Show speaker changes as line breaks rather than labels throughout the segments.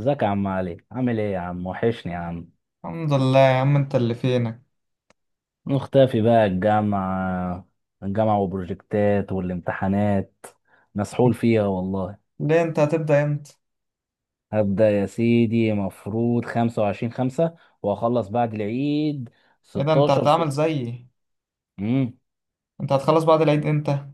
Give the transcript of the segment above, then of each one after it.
ازيك يا عم علي؟ عامل ايه يا عم؟ وحشني يا عم.
الحمد لله يا عم، انت اللي فينك.
مختفي بقى. الجامعة وبروجكتات والامتحانات، مسحول فيها والله.
ليه؟ انت هتبدأ امتى؟
هبدأ يا سيدي، مفروض خمسة وعشرين خمسة وأخلص بعد العيد،
ايه ده، انت
ستاشر
هتعمل
ستة.
زيي؟
امم.
انت هتخلص بعد العيد امتى؟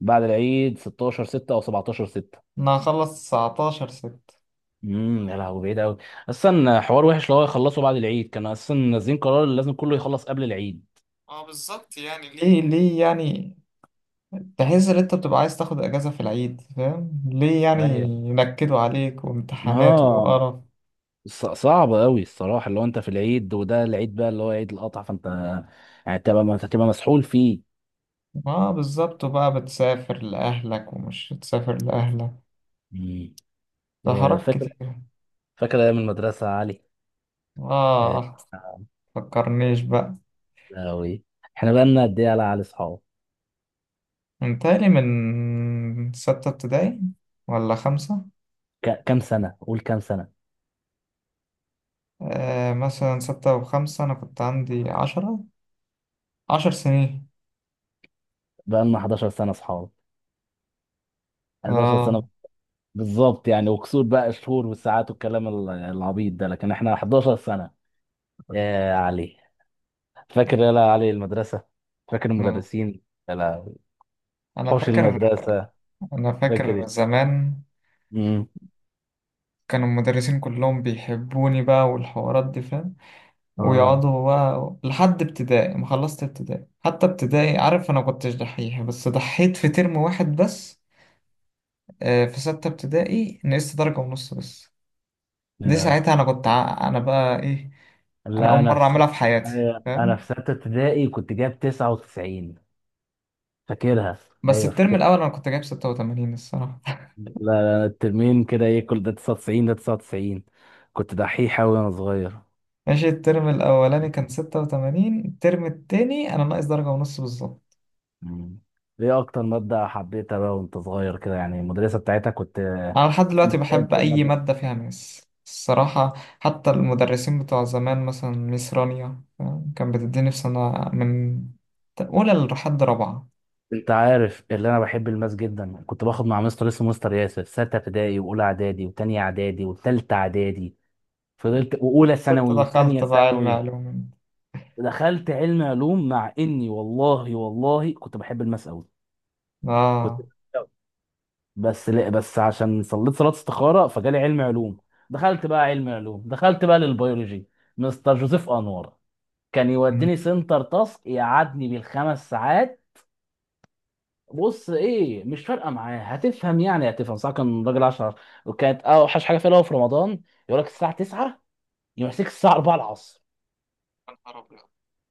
بعد العيد ستاشر ستة أو سبعتاشر ستة.
انا هخلص 19 ستة.
يا لهوي، بعيد أوي. أصلا حوار وحش، لو هو يخلصوا بعد العيد، كانوا أصلا نازلين قرار اللي لازم كله يخلص قبل العيد.
اه بالظبط. يعني ليه يعني؟ تحس ان انت بتبقى عايز تاخد اجازة في العيد، فاهم؟ ليه يعني
ايوه.
ينكدوا عليك وامتحانات
اه.
وقرف.
صعب قوي الصراحه، اللي هو انت في العيد وده العيد بقى اللي هو عيد القطع، فانت يعني تبقى ما تبقى مسحول فيه.
اه بالظبط، وبقى بتسافر لأهلك ومش تسافر لأهلك.
مم.
ده
آه،
حركات
فاكر
كتير.
فاكر ايام المدرسه يا علي. آه.
اه فكرنيش بقى.
أوي. احنا بقى لنا قد ايه على علي اصحاب؟
انتهي من ستة ابتدائي ولا خمسة؟
كام سنه؟ قول كام سنه.
آه مثلا ستة وخمسة، أنا كنت عندي 10، 10 سنين.
بقى لنا 11 سنه اصحاب، 11 سنه.
آه.
بالظبط يعني، وكسور بقى الشهور والساعات والكلام العبيط ده، لكن احنا 11 سنه يا علي. فاكر يا علي المدرسه؟ فاكر
آه.
المدرسين؟ يا لهوي.
أنا
حوش
فاكر.
المدرسه.
أنا
فاكر
فاكر
إيه؟
زمان
مم.
كانوا المدرسين كلهم بيحبوني بقى والحوارات دي، فاهم؟
اه.
ويقعدوا بقى لحد ابتدائي ما خلصت ابتدائي، حتى ابتدائي، عارف، أنا كنتش دحيح بس ضحيت في ترم واحد بس. آه في ستة ابتدائي نقصت درجة ونص بس. دي
يا.
ساعتها أنا كنت أنا بقى إيه؟ أنا أول
لا انا
مرة
في...
أعملها في حياتي،
أيوة، انا في
فاهم.
ستة ابتدائي كنت جايب 99. فاكرها.
بس
ايوه
الترم الأول
فاكرها.
أنا كنت جايب 86 الصراحة.
لا لا، الترمين كده ايه، كل ده 99، ده 99. كنت دحيح اوي وانا صغير.
ماشي. الترم الأولاني كان 86، الترم التاني أنا ناقص درجة ونص بالظبط.
مم. ايه اكتر مادة حبيتها بقى وانت صغير كده، يعني المدرسة بتاعتها كنت...
أنا لحد
عشان
دلوقتي
بتحب
بحب أي
المادة.
مادة فيها ماس الصراحة. حتى المدرسين بتوع زمان مثلا ميس رانيا، فاهم؟ كان بتديني في سنة من أولى لحد رابعة.
انت عارف اللي انا بحب الماس جدا، كنت باخد مع مستر اسمه مستر ياسر ستة ابتدائي واولى اعدادي وتانية اعدادي وتالتة اعدادي. فضلت واولى
كنت
ثانوي وتانية
دخلت بقى علم
ثانوي.
علوم.
دخلت علم علوم مع اني والله والله كنت بحب الماس قوي. كنت...
آه.
بس لا بس عشان صليت صلاة استخارة فجالي علم علوم. دخلت بقى علم علوم، دخلت بقى للبيولوجي. مستر جوزيف انور. كان
يا
يوديني سنتر تاسك، يقعدني بالخمس ساعات. بص ايه، مش فارقه معاه، هتفهم يعني هتفهم صح. كان راجل 10. وكانت اوحش حاجه فيها اللي هو في رمضان، يقول لك الساعه 9 يمسك الساعه 4 العصر.
نهار أبيض.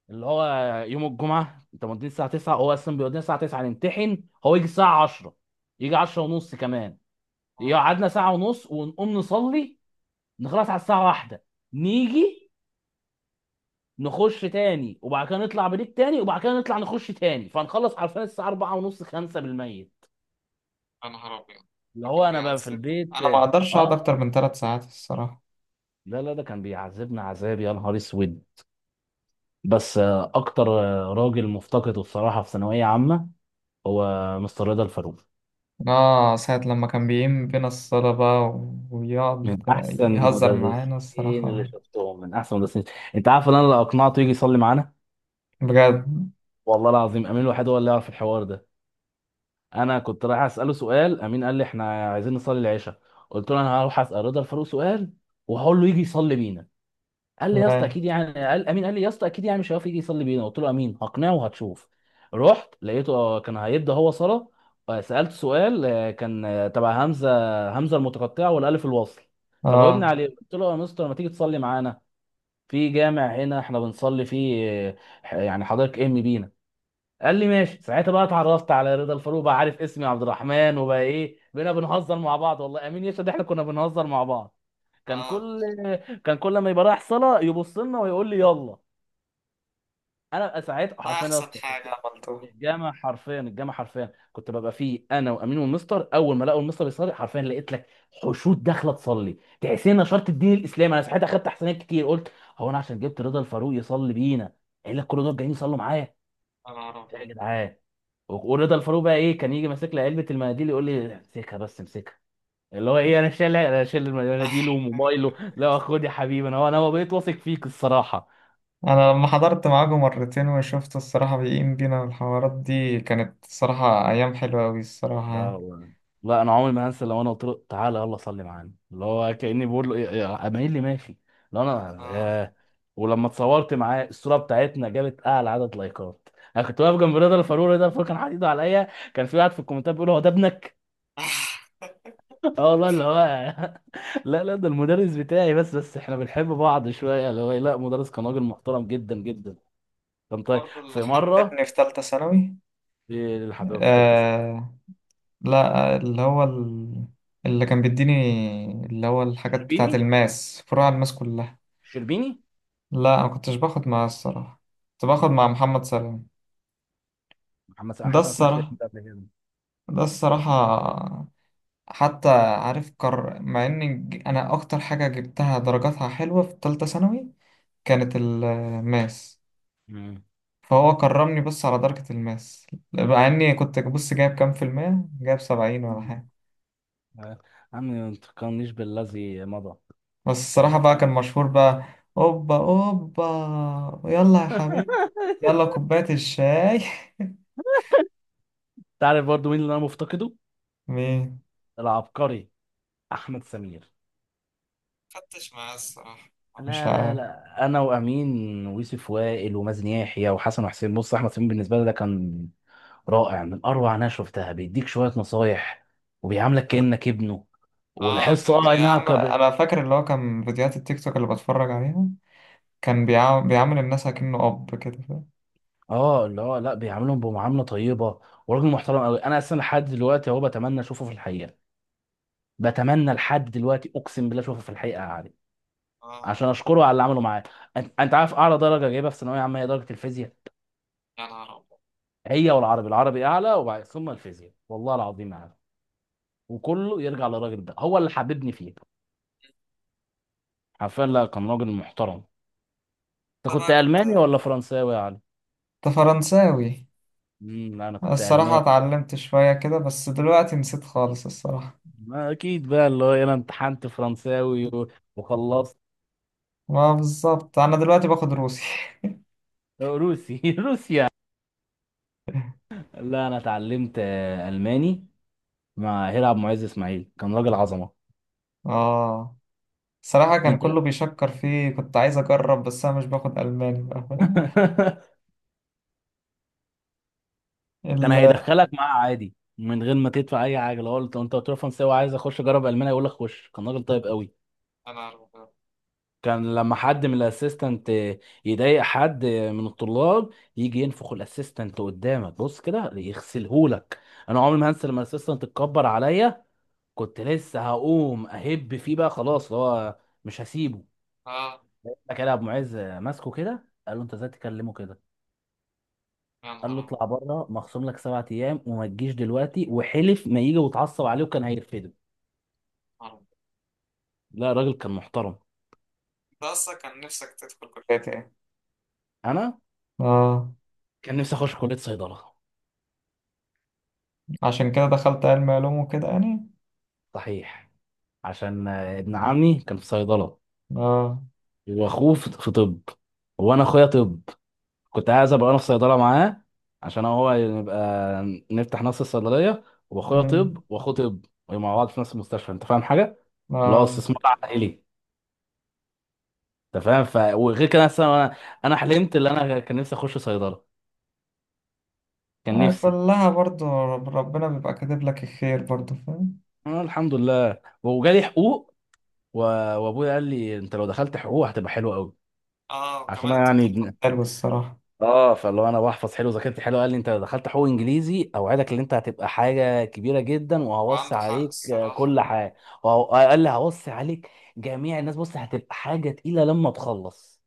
اللي هو يوم الجمعه انت موديني الساعه 9، هو اصلا بيودينا الساعه 9 نمتحن، هو يجي الساعه 10، يجي 10 ونص كمان.
آه،
يقعدنا ساعه ونص ونقوم نصلي، نخلص على الساعه 1. نيجي نخش تاني، وبعد كده نطلع بريك تاني، وبعد كده نطلع نخش تاني، فنخلص عارفين الساعه 4 ونص 5 بالميت.
يا نهار أبيض.
اللي
ده
هو
كان
انا بقى في
بيعذب. أنا
البيت.
ما أقدرش أقعد
اه.
أكتر من 3 ساعات الصراحة.
لا لا، ده كان بيعذبنا عذاب يا نهار اسود. بس اكتر راجل مفتقده الصراحه في ثانويه عامه هو مستر رضا الفاروق.
اه ساعة لما كان بيقيم بينا الصلاة بقى ويقعد
من احسن
يهزر معانا
مدرسين اللي
الصراحة
شفتهم، من احسن مدرسين. انت عارف ان انا لو اقنعته يجي يصلي معانا،
بجد.
والله العظيم امين الوحيد هو اللي يعرف الحوار ده. انا كنت رايح اساله سؤال، امين قال لي احنا عايزين نصلي العشاء. قلت له انا هروح اسال رضا الفاروق سؤال، وهقول له يجي يصلي بينا. قال لي يا اسطى
اه.
اكيد يعني، قال امين قال لي يا اسطى اكيد يعني مش هيعرف يجي يصلي بينا. قلت له امين هقنعه وهتشوف. رحت لقيته، كان هيبدا هو صلاه. سالته سؤال، كان تبع همزه، همزه المتقطعه والالف الوصل. فجاوبني
آه.
عليه، قلت له يا مستر، ما تيجي تصلي معانا في جامع هنا احنا بنصلي فيه، يعني حضرتك امي بينا. قال لي ماشي. ساعتها بقى اتعرفت على رضا الفاروق، بقى عارف اسمي عبد الرحمن، وبقى ايه، بقينا بنهزر مع بعض، والله امين يشهد احنا كنا بنهزر مع بعض. كان
اه
كل كان كل ما يبقى رايح صلاه يبص لنا ويقول لي يلا. انا بقى ساعتها
ده
حرفيا يا
احسن
اسطى...
حاجة عملتوها.
الجامعة حرفيا الجامعة حرفيا، كنت ببقى فيه انا وامين والمستر، اول ما لقوا المستر يصلي، حرفيا لقيت لك حشود داخله تصلي، تحسين نشرت الدين الاسلامي. انا صحيت اخدت احسانات كتير، قلت هو انا عشان جبت رضا الفاروق يصلي بينا قال لك كل دول جايين يصلوا معايا؟
يا نهار
يا
ابيض.
جدعان. ورضا الفاروق بقى ايه، كان يجي ماسك لي علبه المناديل، يقول لي امسكها بس امسكها. اللي هو ايه، انا شايل المناديل وموبايله، لا خد يا حبيبي، انا هو انا بقيت واثق فيك الصراحه.
انا لما حضرت معاكم مرتين وشفت الصراحة بيقيم بينا الحوارات دي، كانت الصراحة ايام حلوة اوي
لا
الصراحة.
والله. لا انا عمري ما هنسى، لو انا قلت له تعالى يلا صلي معانا اللي هو كاني بقول له إيه، اميل لي ماشي. لو انا،
اه.
ياه. ولما اتصورت معاه الصوره بتاعتنا، جابت اعلى عدد لايكات. انا كنت واقف جنب رضا الفاروق، رضا الفاروق كان حاطط ايده عليا. كان في واحد في الكومنتات بيقول هو ده ابنك؟ اه والله اللي هو... لا لا، ده المدرس بتاعي، بس احنا بنحب بعض شويه، اللي هو إيه، لا، مدرس كان راجل محترم جدا جدا. كان طيب
برضه
في
الحد
مره.
ابني في تالتة ثانوي.
في الحبيب في ثالثه ثانوي.
لا، اللي هو اللي كان بيديني، اللي هو الحاجات بتاعة
شربيني،
الماس، فروع الماس كلها.
شربيني.
لا أنا مكنتش باخد معاه الصراحة، كنت باخد مع محمد سلام.
محمد
ده
حسن، سمعت الاسم
الصراحة.
ده قبل كده.
ده الصراحة. حتى عارف، مع إن أنا أكتر حاجة جبتها درجاتها حلوة في تالتة ثانوي كانت الماس.
مم.
فهو كرمني بس على درجة الماس، مع إني كنت بص جايب كام في المية، جايب 70 ولا
مم.
حاجة.
آه. عمي ما تفكرنيش بالذي مضى.
بس الصراحة
كانت
بقى كان
طبعا.
مشهور بقى. أوبا أوبا، يلا يا حبيبي، يلا كوباية الشاي.
تعرف برضو مين اللي انا مفتقده؟
مين؟
العبقري، احمد سمير.
فتش معاه الصراحة. مش
لا لا
عارف.
لا، انا وامين ويوسف وائل ومازن يحيى وحسن وحسين. بص، احمد سمير بالنسبه لي ده كان رائع، من اروع ناس شفتها، بيديك شويه نصايح وبيعاملك كانك ابنه.
اه
والحصه
كان
اه أي نعم،
بيعمل، انا فاكر اللي هو كان فيديوهات التيك توك اللي بتفرج عليها، كان بيعمل الناس اكنه اب كده، فاهم.
اه اللي هو لا، بيعاملهم بمعامله طيبه، وراجل محترم قوي. انا اصلا لحد دلوقتي اهو بتمنى اشوفه في الحقيقه، بتمنى لحد دلوقتي، اقسم بالله، اشوفه في الحقيقه يا علي،
اه
عشان اشكره على اللي عمله معايا. انت عارف اعلى درجه جايبها في ثانويه عامه هي درجه الفيزياء؟
يا نهار ابيض.
هي والعربي، العربي اعلى، وبعد ثم الفيزياء، والله العظيم اعلى. وكله يرجع للراجل ده، هو اللي حببني فيه. حرفيا، لا كان راجل محترم. انت
انت
كنت
بقى كنت،
الماني ولا فرنساوي يا علي؟
انت فرنساوي.
لا انا كنت
الصراحة
الماني.
اتعلمت شوية كده بس دلوقتي نسيت خالص الصراحة.
ما اكيد بقى، اللي هو انا امتحنت فرنساوي وخلصت.
ما بالظبط، انا دلوقتي باخد روسي.
روسي روسيا. لا انا اتعلمت الماني مع هيرعب معز اسماعيل، كان راجل عظمه.
اه صراحة كان
انت...
كله بيشكر فيه، كنت عايز أجرب بس أنا مش باخد ألماني بقى، فاهم.
كان
ال-
هيدخلك معاه عادي من غير ما تدفع اي حاجه، لو قلت، انت قلت له فرنساوي وعايز اخش اجرب المانيا، يقول لك خش، كان راجل طيب قوي.
انا أبيض.
كان لما حد من الاسيستنت يضايق حد من الطلاب، يجي ينفخ الاسيستنت قدامك، بص كده يغسلهولك. انا عمري ما هنسى لما الاسيستنت اتكبر عليا، كنت لسه هقوم اهب فيه بقى، خلاص هو مش هسيبه.
اه
كده ابو معز ماسكه كده، قال له انت ازاي تكلمه كده؟
يا
قال له
نهار أبيض.
اطلع بره، مخصوم لك سبعة ايام وما تجيش دلوقتي، وحلف ما يجي، وتعصب عليه، وكان هيرفده.
نهار أبيض.
لا راجل كان محترم.
انت اصلا كان نفسك تدخل كلية ايه؟
انا
آه.
كان نفسي اخش كليه صيدله.
عشان كده دخلت علم علوم وكده يعني.
صحيح، عشان ابن عمي كان في صيدله،
آه.
واخوه في طب، وانا اخويا طب، كنت عايز ابقى انا في صيدله معاه، عشان هو يبقى نفتح نفس الصيدليه، واخويا
مم.
طب واخوه طب ومع بعض في نفس المستشفى، انت فاهم حاجه؟ اللي هو
آه.
استثمار عائلي. انت فاهم؟ ف وغير كده أصلاً انا... انا حلمت اللي انا كان نفسي اخش صيدله، كان
آه،
نفسي.
كلها برضو، ربنا بيبقى كاتب لك الخير برضو، فاهم.
أنا الحمد لله وجالي حقوق. و... وابويا قال لي انت لو دخلت حقوق هتبقى حلوه قوي،
اه
عشان
وكمان
انا
انت بتحفظ حلو
يعني...
حلو الصراحة.
اه، فاللي هو انا بحفظ حلو وذاكرتي حلو. قال لي انت لو دخلت حقوق انجليزي اوعدك ان انت هتبقى حاجه كبيره جدا، وهوصي
وعنده حق
عليك كل
الصراحة.
حاجه. قال لي هوصي عليك جميع الناس، بص هتبقى حاجه تقيله لما تخلص.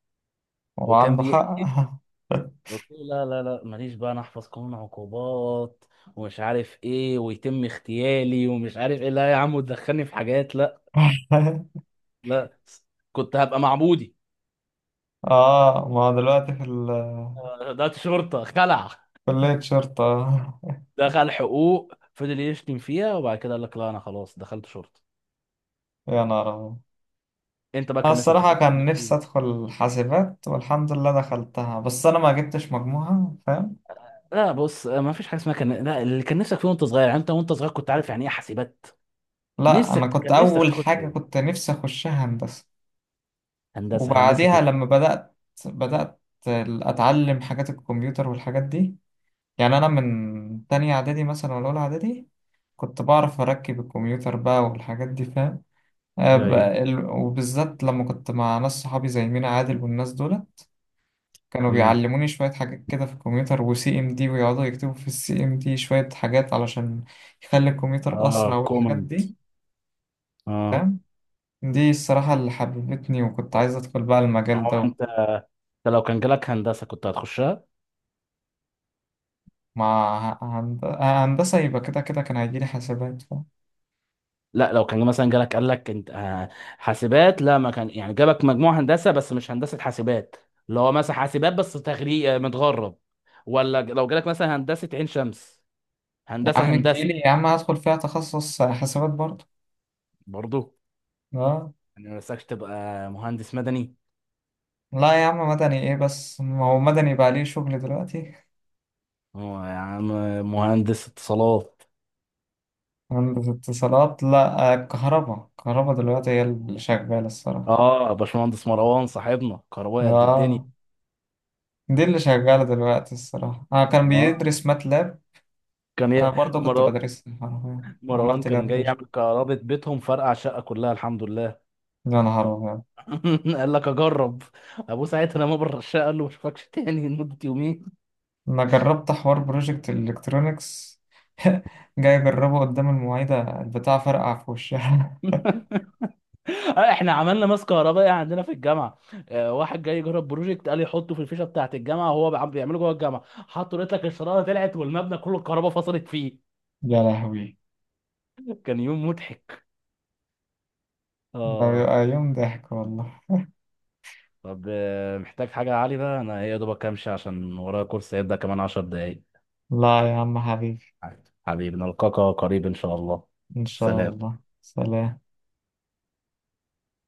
هو
وكان
عنده حق.
بيحكي. قلت له لا لا لا، ماليش بقى انا احفظ قانون عقوبات ومش عارف ايه ويتم اغتيالي ومش عارف ايه، لا يا عم، وتدخلني في حاجات، لا. لا، كنت هبقى معبودي.
آه ما هو دلوقتي في
ده شرطه خلع.
كلية شرطة.
دخل حقوق فضل يشتم فيها وبعد كده قال لك لا انا خلاص دخلت شرطه.
يا نهار أبيض.
انت بقى
أنا
كان نفسك
الصراحة
تخرج
كان
كليه
نفسي
ايه؟
أدخل حاسبات، والحمد لله دخلتها بس أنا ما جبتش مجموعة، فاهم.
لا بص، ما فيش حاجه اسمها كان، لا اللي كان نفسك فيه وانت صغير، يعني انت وانت صغير كنت عارف يعني ايه حاسبات؟
لا أنا
نفسك
كنت
كان نفسك
أول
تخش
حاجة
ايه؟
كنت نفسي أخشها هندسة.
هندسه، هندسه
وبعديها
ايه؟
لما بدأت أتعلم حاجات الكمبيوتر والحاجات دي. يعني أنا من تانية إعدادي مثلا ولا أولى إعدادي كنت بعرف أركب الكمبيوتر بقى والحاجات دي، فاهم. آه،
ايوه.
وبالذات لما كنت مع ناس صحابي زي مينا عادل والناس دول، كانوا
امم.
بيعلموني شوية حاجات كده في الكمبيوتر وسي ام دي، ويقعدوا يكتبوا في السي ام دي شوية حاجات علشان يخلي الكمبيوتر أسرع
اه
والحاجات
كومنت.
دي،
اه.
فاهم. دي الصراحة اللي حببتني، وكنت عايز أدخل بقى المجال
هو
ده.
انت، انت لو كان جالك هندسه كنت هتخشها؟
مع هندسة يبقى كده كده كان هيجيلي حسابات، فاهم.
لا لو كان مثلا جالك قال لك انت حاسبات، لا، ما كان يعني جابك مجموع هندسه بس مش هندسه حاسبات، اللي هو مثلا حاسبات بس تغريق متغرب، ولا لو جالك مثلا هندسه عين شمس،
يا
هندسه
عم
هندسه.
تجيلي يا عم هدخل فيها تخصص حسابات برضه.
برضه.
اه
يعني ما نفسكش تبقى مهندس مدني؟
لا يا عم، مدني ايه بس، ما هو مدني بقى ليه شغل دلوقتي.
هو يا عم، مهندس اتصالات.
هندسة اتصالات لا، آه، كهربا كهربا دلوقتي هي اللي شغالة الصراحة.
اه باشمهندس مروان صاحبنا كهربائي قد الدنيا.
اه دي اللي شغالة دلوقتي الصراحة. أنا كان
اه.
بيدرس ماتلاب.
كان
أنا
ي...
برضه كنت
مروان
بدرسها حرفيا،
مروان
عملت لها
كان جاي يعمل
بروجكت.
كهرباء بيتهم، فرقع شقه كلها الحمد لله.
يا نهار أبيض.
قال لك اجرب. ابوه ساعتها لما بره الشقه قال له ما اشوفكش تاني لمده يومين.
أنا جربت حوار بروجكت الإلكترونيكس. جاي أجربه قدام المعيدة البتاع، فرقع في وشها.
احنا عملنا ماس كهربائي عندنا في الجامعه، واحد جاي يجرب بروجكت، قال يحطه في الفيشه بتاعه الجامعه وهو بيعمله جوه الجامعه، حطه لقيت لك الشراره طلعت والمبنى كله الكهرباء فصلت فيه.
يا لهوي
كان يوم مضحك.
ده
اه.
بيبقى يوم ضحك والله.
طب محتاج حاجه يا علي؟ بقى انا يا دوبك امشي عشان ورايا كورس هيبدا كمان 10 دقايق.
لا يا عم حبيبي.
حبيبي نلقاك قريب ان شاء الله.
إن شاء
سلام.
الله، سلام.